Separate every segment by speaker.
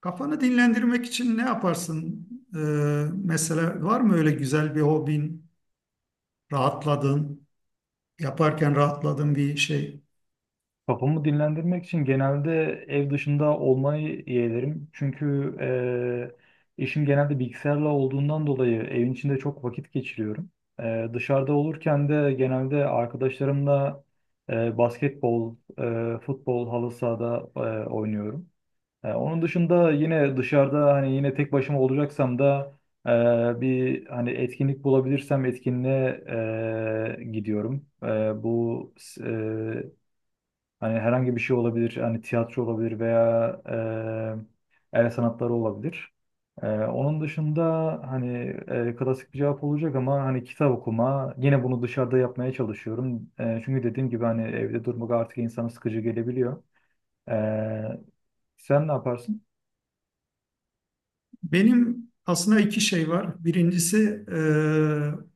Speaker 1: Kafanı dinlendirmek için ne yaparsın? Mesela var mı öyle güzel bir hobin, rahatladığın, yaparken rahatladığın bir şey?
Speaker 2: Kafamı dinlendirmek için genelde ev dışında olmayı yeğlerim. Çünkü işim genelde bilgisayarla olduğundan dolayı evin içinde çok vakit geçiriyorum. Dışarıda olurken de genelde arkadaşlarımla basketbol, futbol, halı sahada oynuyorum. Onun dışında yine dışarıda hani yine tek başıma olacaksam da bir hani etkinlik bulabilirsem etkinliğe gidiyorum. Bu eee Hani herhangi bir şey olabilir. Hani tiyatro olabilir veya el sanatları olabilir. Onun dışında hani klasik bir cevap olacak ama hani kitap okuma. Yine bunu dışarıda yapmaya çalışıyorum. Çünkü dediğim gibi hani evde durmak artık insana sıkıcı gelebiliyor. E, Sen ne yaparsın?
Speaker 1: Benim aslında iki şey var. Birincisi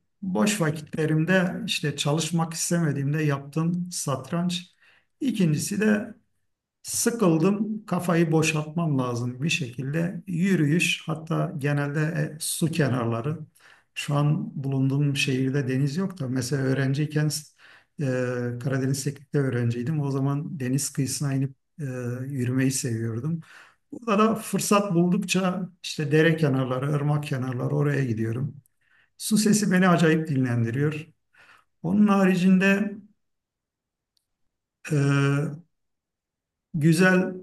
Speaker 1: boş vakitlerimde işte çalışmak istemediğimde yaptığım satranç. İkincisi de sıkıldım, kafayı boşaltmam lazım bir şekilde. Yürüyüş, hatta genelde su kenarları. Şu an bulunduğum şehirde deniz yok da mesela öğrenciyken e, Karadeniz Teknik'te öğrenciydim. O zaman deniz kıyısına inip e, yürümeyi seviyordum. Burada da fırsat buldukça işte dere kenarları, ırmak kenarları oraya gidiyorum. Su sesi beni acayip dinlendiriyor. Onun haricinde e, güzel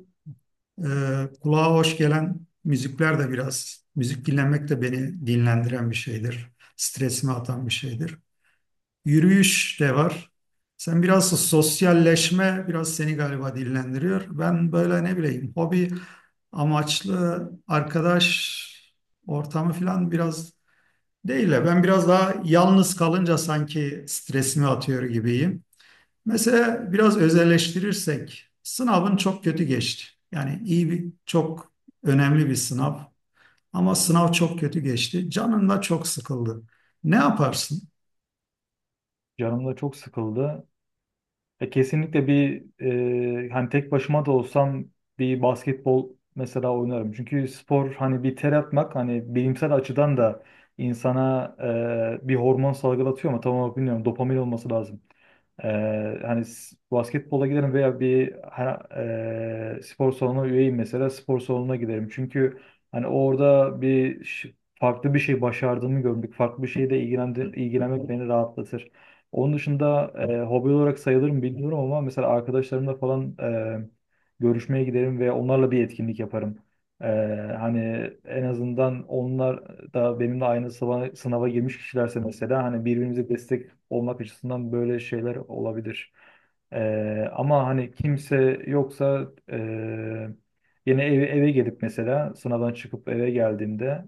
Speaker 1: Kulağa hoş gelen müzikler de biraz, müzik dinlemek de beni dinlendiren bir şeydir. Stresimi atan bir şeydir. Yürüyüş de var. Sen biraz sosyalleşme biraz seni galiba dinlendiriyor. Ben böyle ne bileyim hobi amaçlı arkadaş ortamı falan biraz değil de ben biraz daha yalnız kalınca sanki stresimi atıyor gibiyim. Mesela biraz özelleştirirsek sınavın çok kötü geçti. Yani iyi bir çok önemli bir sınav ama sınav çok kötü geçti. Canın da çok sıkıldı. Ne yaparsın?
Speaker 2: Canım da çok sıkıldı. Kesinlikle bir hani tek başıma da olsam bir basketbol mesela oynarım. Çünkü spor hani bir ter atmak hani bilimsel açıdan da insana bir hormon salgılatıyor ama tam olarak bilmiyorum dopamin olması lazım. E, Hani basketbola giderim veya spor salonuna üyeyim, mesela spor salonuna giderim. Çünkü hani orada farklı bir şey başardığımı görmek, farklı bir şeyle ilgilenmek beni rahatlatır. Onun dışında hobi olarak sayılır mı bilmiyorum ama mesela arkadaşlarımla falan görüşmeye giderim ve onlarla bir etkinlik yaparım. E, Hani en azından onlar da benimle aynı sınava girmiş kişilerse mesela hani birbirimize destek olmak açısından böyle şeyler olabilir. Ama hani kimse yoksa yine eve gelip mesela sınavdan çıkıp eve geldiğimde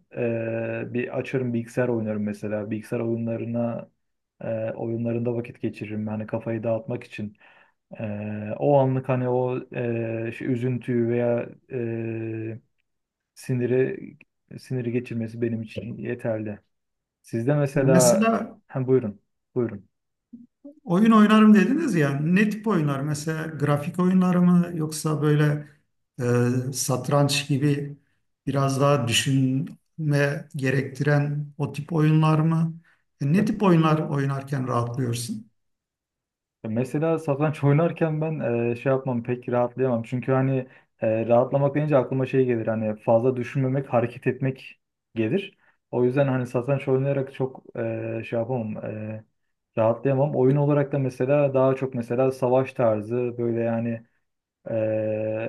Speaker 2: bir açarım bilgisayar oynarım mesela. Bilgisayar oyunlarına e, oyunlarında vakit geçiririm. Hani kafayı dağıtmak için. O anlık hani şu üzüntüyü veya siniri siniri geçirmesi benim için yeterli. Sizde mesela
Speaker 1: Mesela
Speaker 2: hem buyurun. Buyurun.
Speaker 1: oyun oynarım dediniz ya, ne tip oyunlar? Mesela grafik oyunları mı yoksa böyle satranç gibi biraz daha düşünme gerektiren o tip oyunlar mı?
Speaker 2: Ya,
Speaker 1: Ne tip oyunlar oynarken rahatlıyorsun?
Speaker 2: Mesela satranç oynarken ben şey yapmam, pek rahatlayamam. Çünkü hani rahatlamak deyince aklıma şey gelir hani fazla düşünmemek, hareket etmek gelir. O yüzden hani satranç oynayarak çok şey yapamam, rahatlayamam. Oyun olarak da mesela daha çok mesela savaş tarzı böyle yani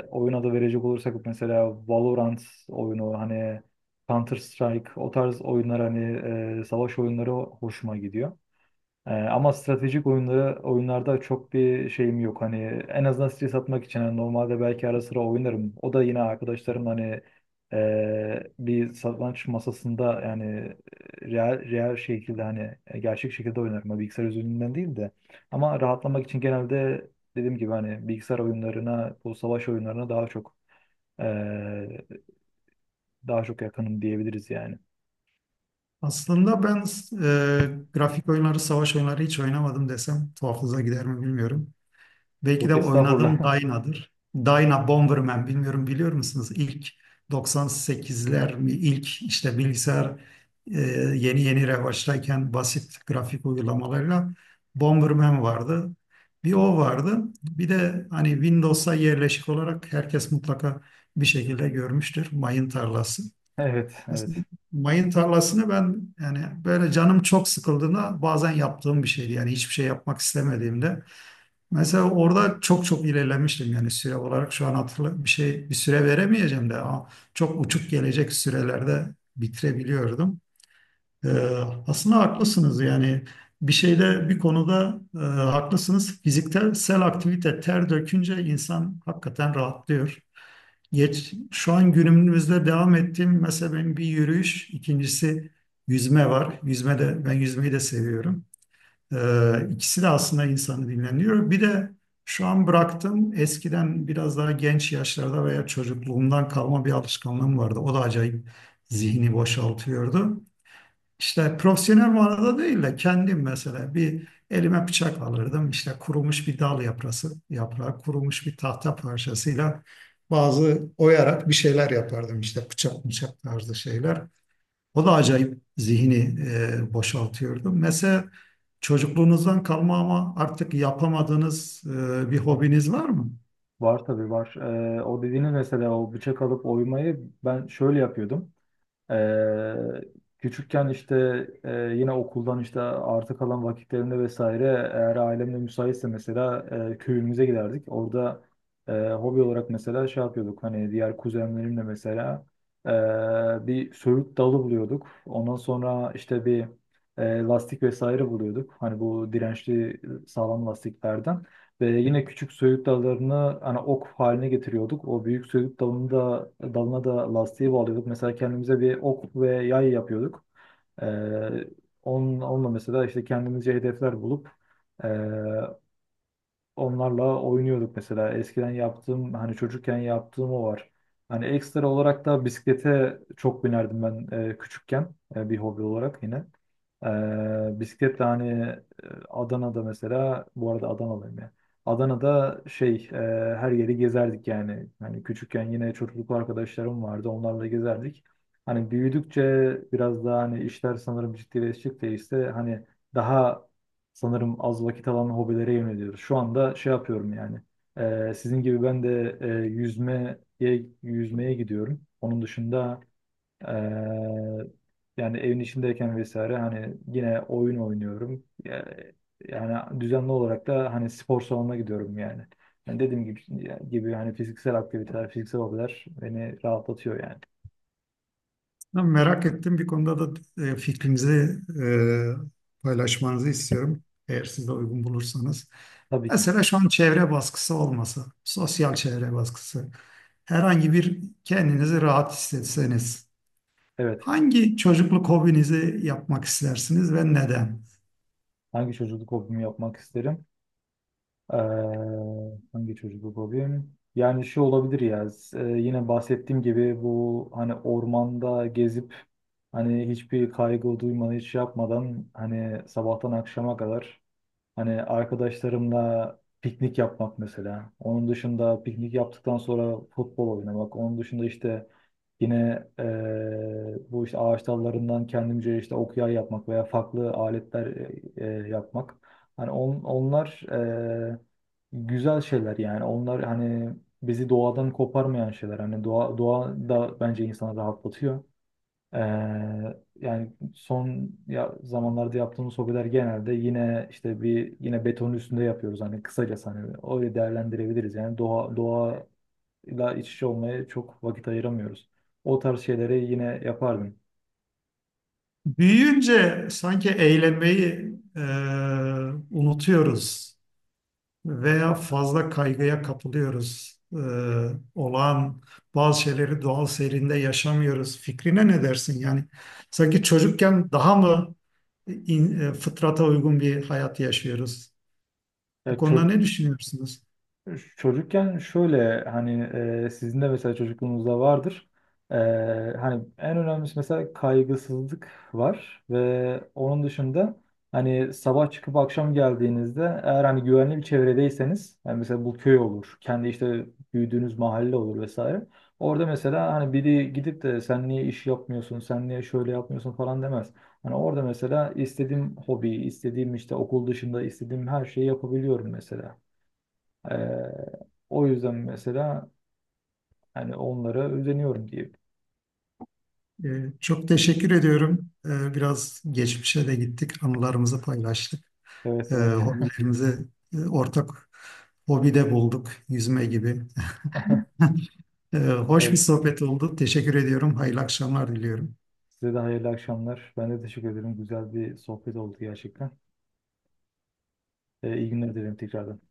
Speaker 2: oyun adı verecek olursak mesela Valorant oyunu hani Counter Strike o tarz oyunlar hani savaş oyunları hoşuma gidiyor. Ama stratejik oyunlarda çok bir şeyim yok. Hani en azından stres atmak için hani normalde belki ara sıra oynarım. O da yine arkadaşlarım hani bir satranç masasında yani real şekilde hani gerçek şekilde oynarım. Hani bilgisayar üzerinden değil de. Ama rahatlamak için genelde dediğim gibi hani bilgisayar oyunlarına, bu savaş oyunlarına e, daha çok yakınım diyebiliriz yani.
Speaker 1: Aslında ben grafik oyunları, savaş oyunları hiç oynamadım desem tuhafınıza gider mi bilmiyorum. Belki
Speaker 2: Yok
Speaker 1: de
Speaker 2: estağfurullah.
Speaker 1: oynadım Dyna'dır. Dyna Bomberman, bilmiyorum biliyor musunuz? İlk 98'ler mi? İlk işte bilgisayar e, yeni yeni revaçtayken basit grafik uygulamalarla Bomberman vardı. Bir o vardı. Bir de hani Windows'a yerleşik olarak herkes mutlaka bir şekilde görmüştür, mayın tarlası.
Speaker 2: Evet,
Speaker 1: Mesela
Speaker 2: evet.
Speaker 1: mayın tarlasını ben yani böyle canım çok sıkıldığında bazen yaptığım bir şeydi. Yani hiçbir şey yapmak istemediğimde. Mesela orada çok çok ilerlemiştim, yani süre olarak şu an hatırla bir şey bir süre veremeyeceğim de ama çok uçuk gelecek sürelerde bitirebiliyordum. Ee, aslında haklısınız yani bir şeyde bir konuda haklısınız. Fiziksel aktivite, ter dökünce insan hakikaten rahatlıyor. Geç, şu an günümüzde devam ettiğim mesela benim bir yürüyüş, ikincisi yüzme var. Yüzme de, ben yüzmeyi de seviyorum.
Speaker 2: Evet.
Speaker 1: İkisi de aslında insanı dinlendiriyor. Bir de şu an bıraktım. Eskiden biraz daha genç yaşlarda veya çocukluğumdan kalma bir alışkanlığım vardı. O da acayip zihni boşaltıyordu. İşte profesyonel manada değil de kendim mesela bir elime bıçak alırdım. İşte kurumuş bir dal yaprası, yaprağı, kurumuş bir tahta parçasıyla bazı oyarak bir şeyler yapardım. İşte bıçak bıçak tarzı şeyler. O da acayip zihni boşaltıyordu. Mesela çocukluğunuzdan kalma ama artık yapamadığınız bir hobiniz var mı?
Speaker 2: Var, tabii var. O dediğiniz mesela, o bıçak alıp oymayı ben şöyle yapıyordum. Ee, Küçükken işte yine okuldan işte artık kalan vakitlerimde vesaire, eğer ailemle müsaitse mesela köyümüze giderdik. Orada hobi olarak mesela şey yapıyorduk hani, diğer kuzenlerimle mesela bir söğüt dalı buluyorduk. Ondan sonra işte bir lastik vesaire buluyorduk. Hani bu dirençli, sağlam lastiklerden. Ve yine küçük söğüt dallarını hani ok haline getiriyorduk. O büyük söğüt dalına da lastiği bağlıyorduk. Mesela kendimize bir ok ve yay yapıyorduk. Ee, onunla mesela işte kendimize hedefler bulup onlarla oynuyorduk mesela. Eskiden yaptığım hani, çocukken yaptığım o var. Hani ekstra olarak da bisiklete çok binerdim ben küçükken, bir hobi olarak yine. Bisikletle hani Adana'da, mesela bu arada Adanalıyım ya. Adana'da şey her yeri gezerdik yani. Hani küçükken yine çocukluk arkadaşlarım vardı, onlarla gezerdik. Hani büyüdükçe biraz daha hani işler sanırım ciddileştikçe işte hani daha sanırım az vakit alan hobilere yöneliyoruz. Şu anda şey yapıyorum yani. Sizin gibi ben de yüzmeye gidiyorum. Onun dışında e, yani evin içindeyken vesaire hani yine oyun oynuyorum. Yani düzenli olarak da hani spor salonuna gidiyorum yani. Yani dediğim gibi hani fiziksel aktiviteler, fiziksel hobiler beni rahatlatıyor yani.
Speaker 1: Ben merak ettim. Bir konuda da fikrinizi paylaşmanızı istiyorum. Eğer siz de uygun bulursanız.
Speaker 2: Tabii ki.
Speaker 1: Mesela şu an çevre baskısı olması, sosyal çevre baskısı. Herhangi bir kendinizi rahat hissetseniz,
Speaker 2: Evet.
Speaker 1: hangi çocukluk hobinizi yapmak istersiniz ve neden?
Speaker 2: Hangi çocukluk hobimi yapmak isterim? Ee, Hangi çocuklu fobim? Yani şu olabilir ya. Yine bahsettiğim gibi bu hani ormanda gezip hani hiçbir kaygı duymadan, hiç şey yapmadan, hani sabahtan akşama kadar hani arkadaşlarımla piknik yapmak mesela. Onun dışında piknik yaptıktan sonra futbol oynamak. Onun dışında işte yine bu işte ağaç dallarından kendimce işte okuya yapmak veya farklı aletler yapmak. Hani onlar güzel şeyler yani. Onlar hani bizi doğadan koparmayan şeyler. Hani doğa da bence insanı rahatlatıyor. Ee, Yani son ya zamanlarda yaptığımız hobiler genelde yine işte bir, yine betonun üstünde yapıyoruz hani, kısaca hani öyle değerlendirebiliriz yani, doğayla iç içe olmaya çok vakit ayıramıyoruz. O tarz şeyleri yine yapardım.
Speaker 1: Büyüyünce sanki eğlenmeyi unutuyoruz veya fazla kaygıya kapılıyoruz. Olağan bazı şeyleri doğal seyrinde yaşamıyoruz. Fikrine ne dersin? Yani sanki çocukken daha mı fıtrata uygun bir hayat yaşıyoruz?
Speaker 2: Ya
Speaker 1: Bu konuda
Speaker 2: ço-
Speaker 1: ne düşünüyorsunuz?
Speaker 2: Çocukken şöyle hani sizin de mesela çocukluğunuzda vardır. E, Hani en önemlisi mesela kaygısızlık var, ve onun dışında hani sabah çıkıp akşam geldiğinizde, eğer hani güvenli bir çevredeyseniz, yani mesela bu köy olur, kendi işte büyüdüğünüz mahalle olur vesaire. Orada mesela hani biri gidip de sen niye iş yapmıyorsun, sen niye şöyle yapmıyorsun falan demez. Hani orada mesela istediğim hobi, istediğim işte okul dışında istediğim her şeyi yapabiliyorum mesela. Ee, O yüzden mesela hani onlara özeniyorum diyeyim.
Speaker 1: Ee, çok teşekkür ediyorum. Biraz geçmişe de gittik, anılarımızı paylaştık.
Speaker 2: Evet, evet.
Speaker 1: Hobilerimizi ortak hobide bulduk, yüzme gibi. Hoş bir
Speaker 2: Evet.
Speaker 1: sohbet oldu. Teşekkür ediyorum. Hayırlı akşamlar diliyorum.
Speaker 2: Size de hayırlı akşamlar. Ben de teşekkür ederim. Güzel bir sohbet oldu gerçekten. İyi günler dilerim tekrardan.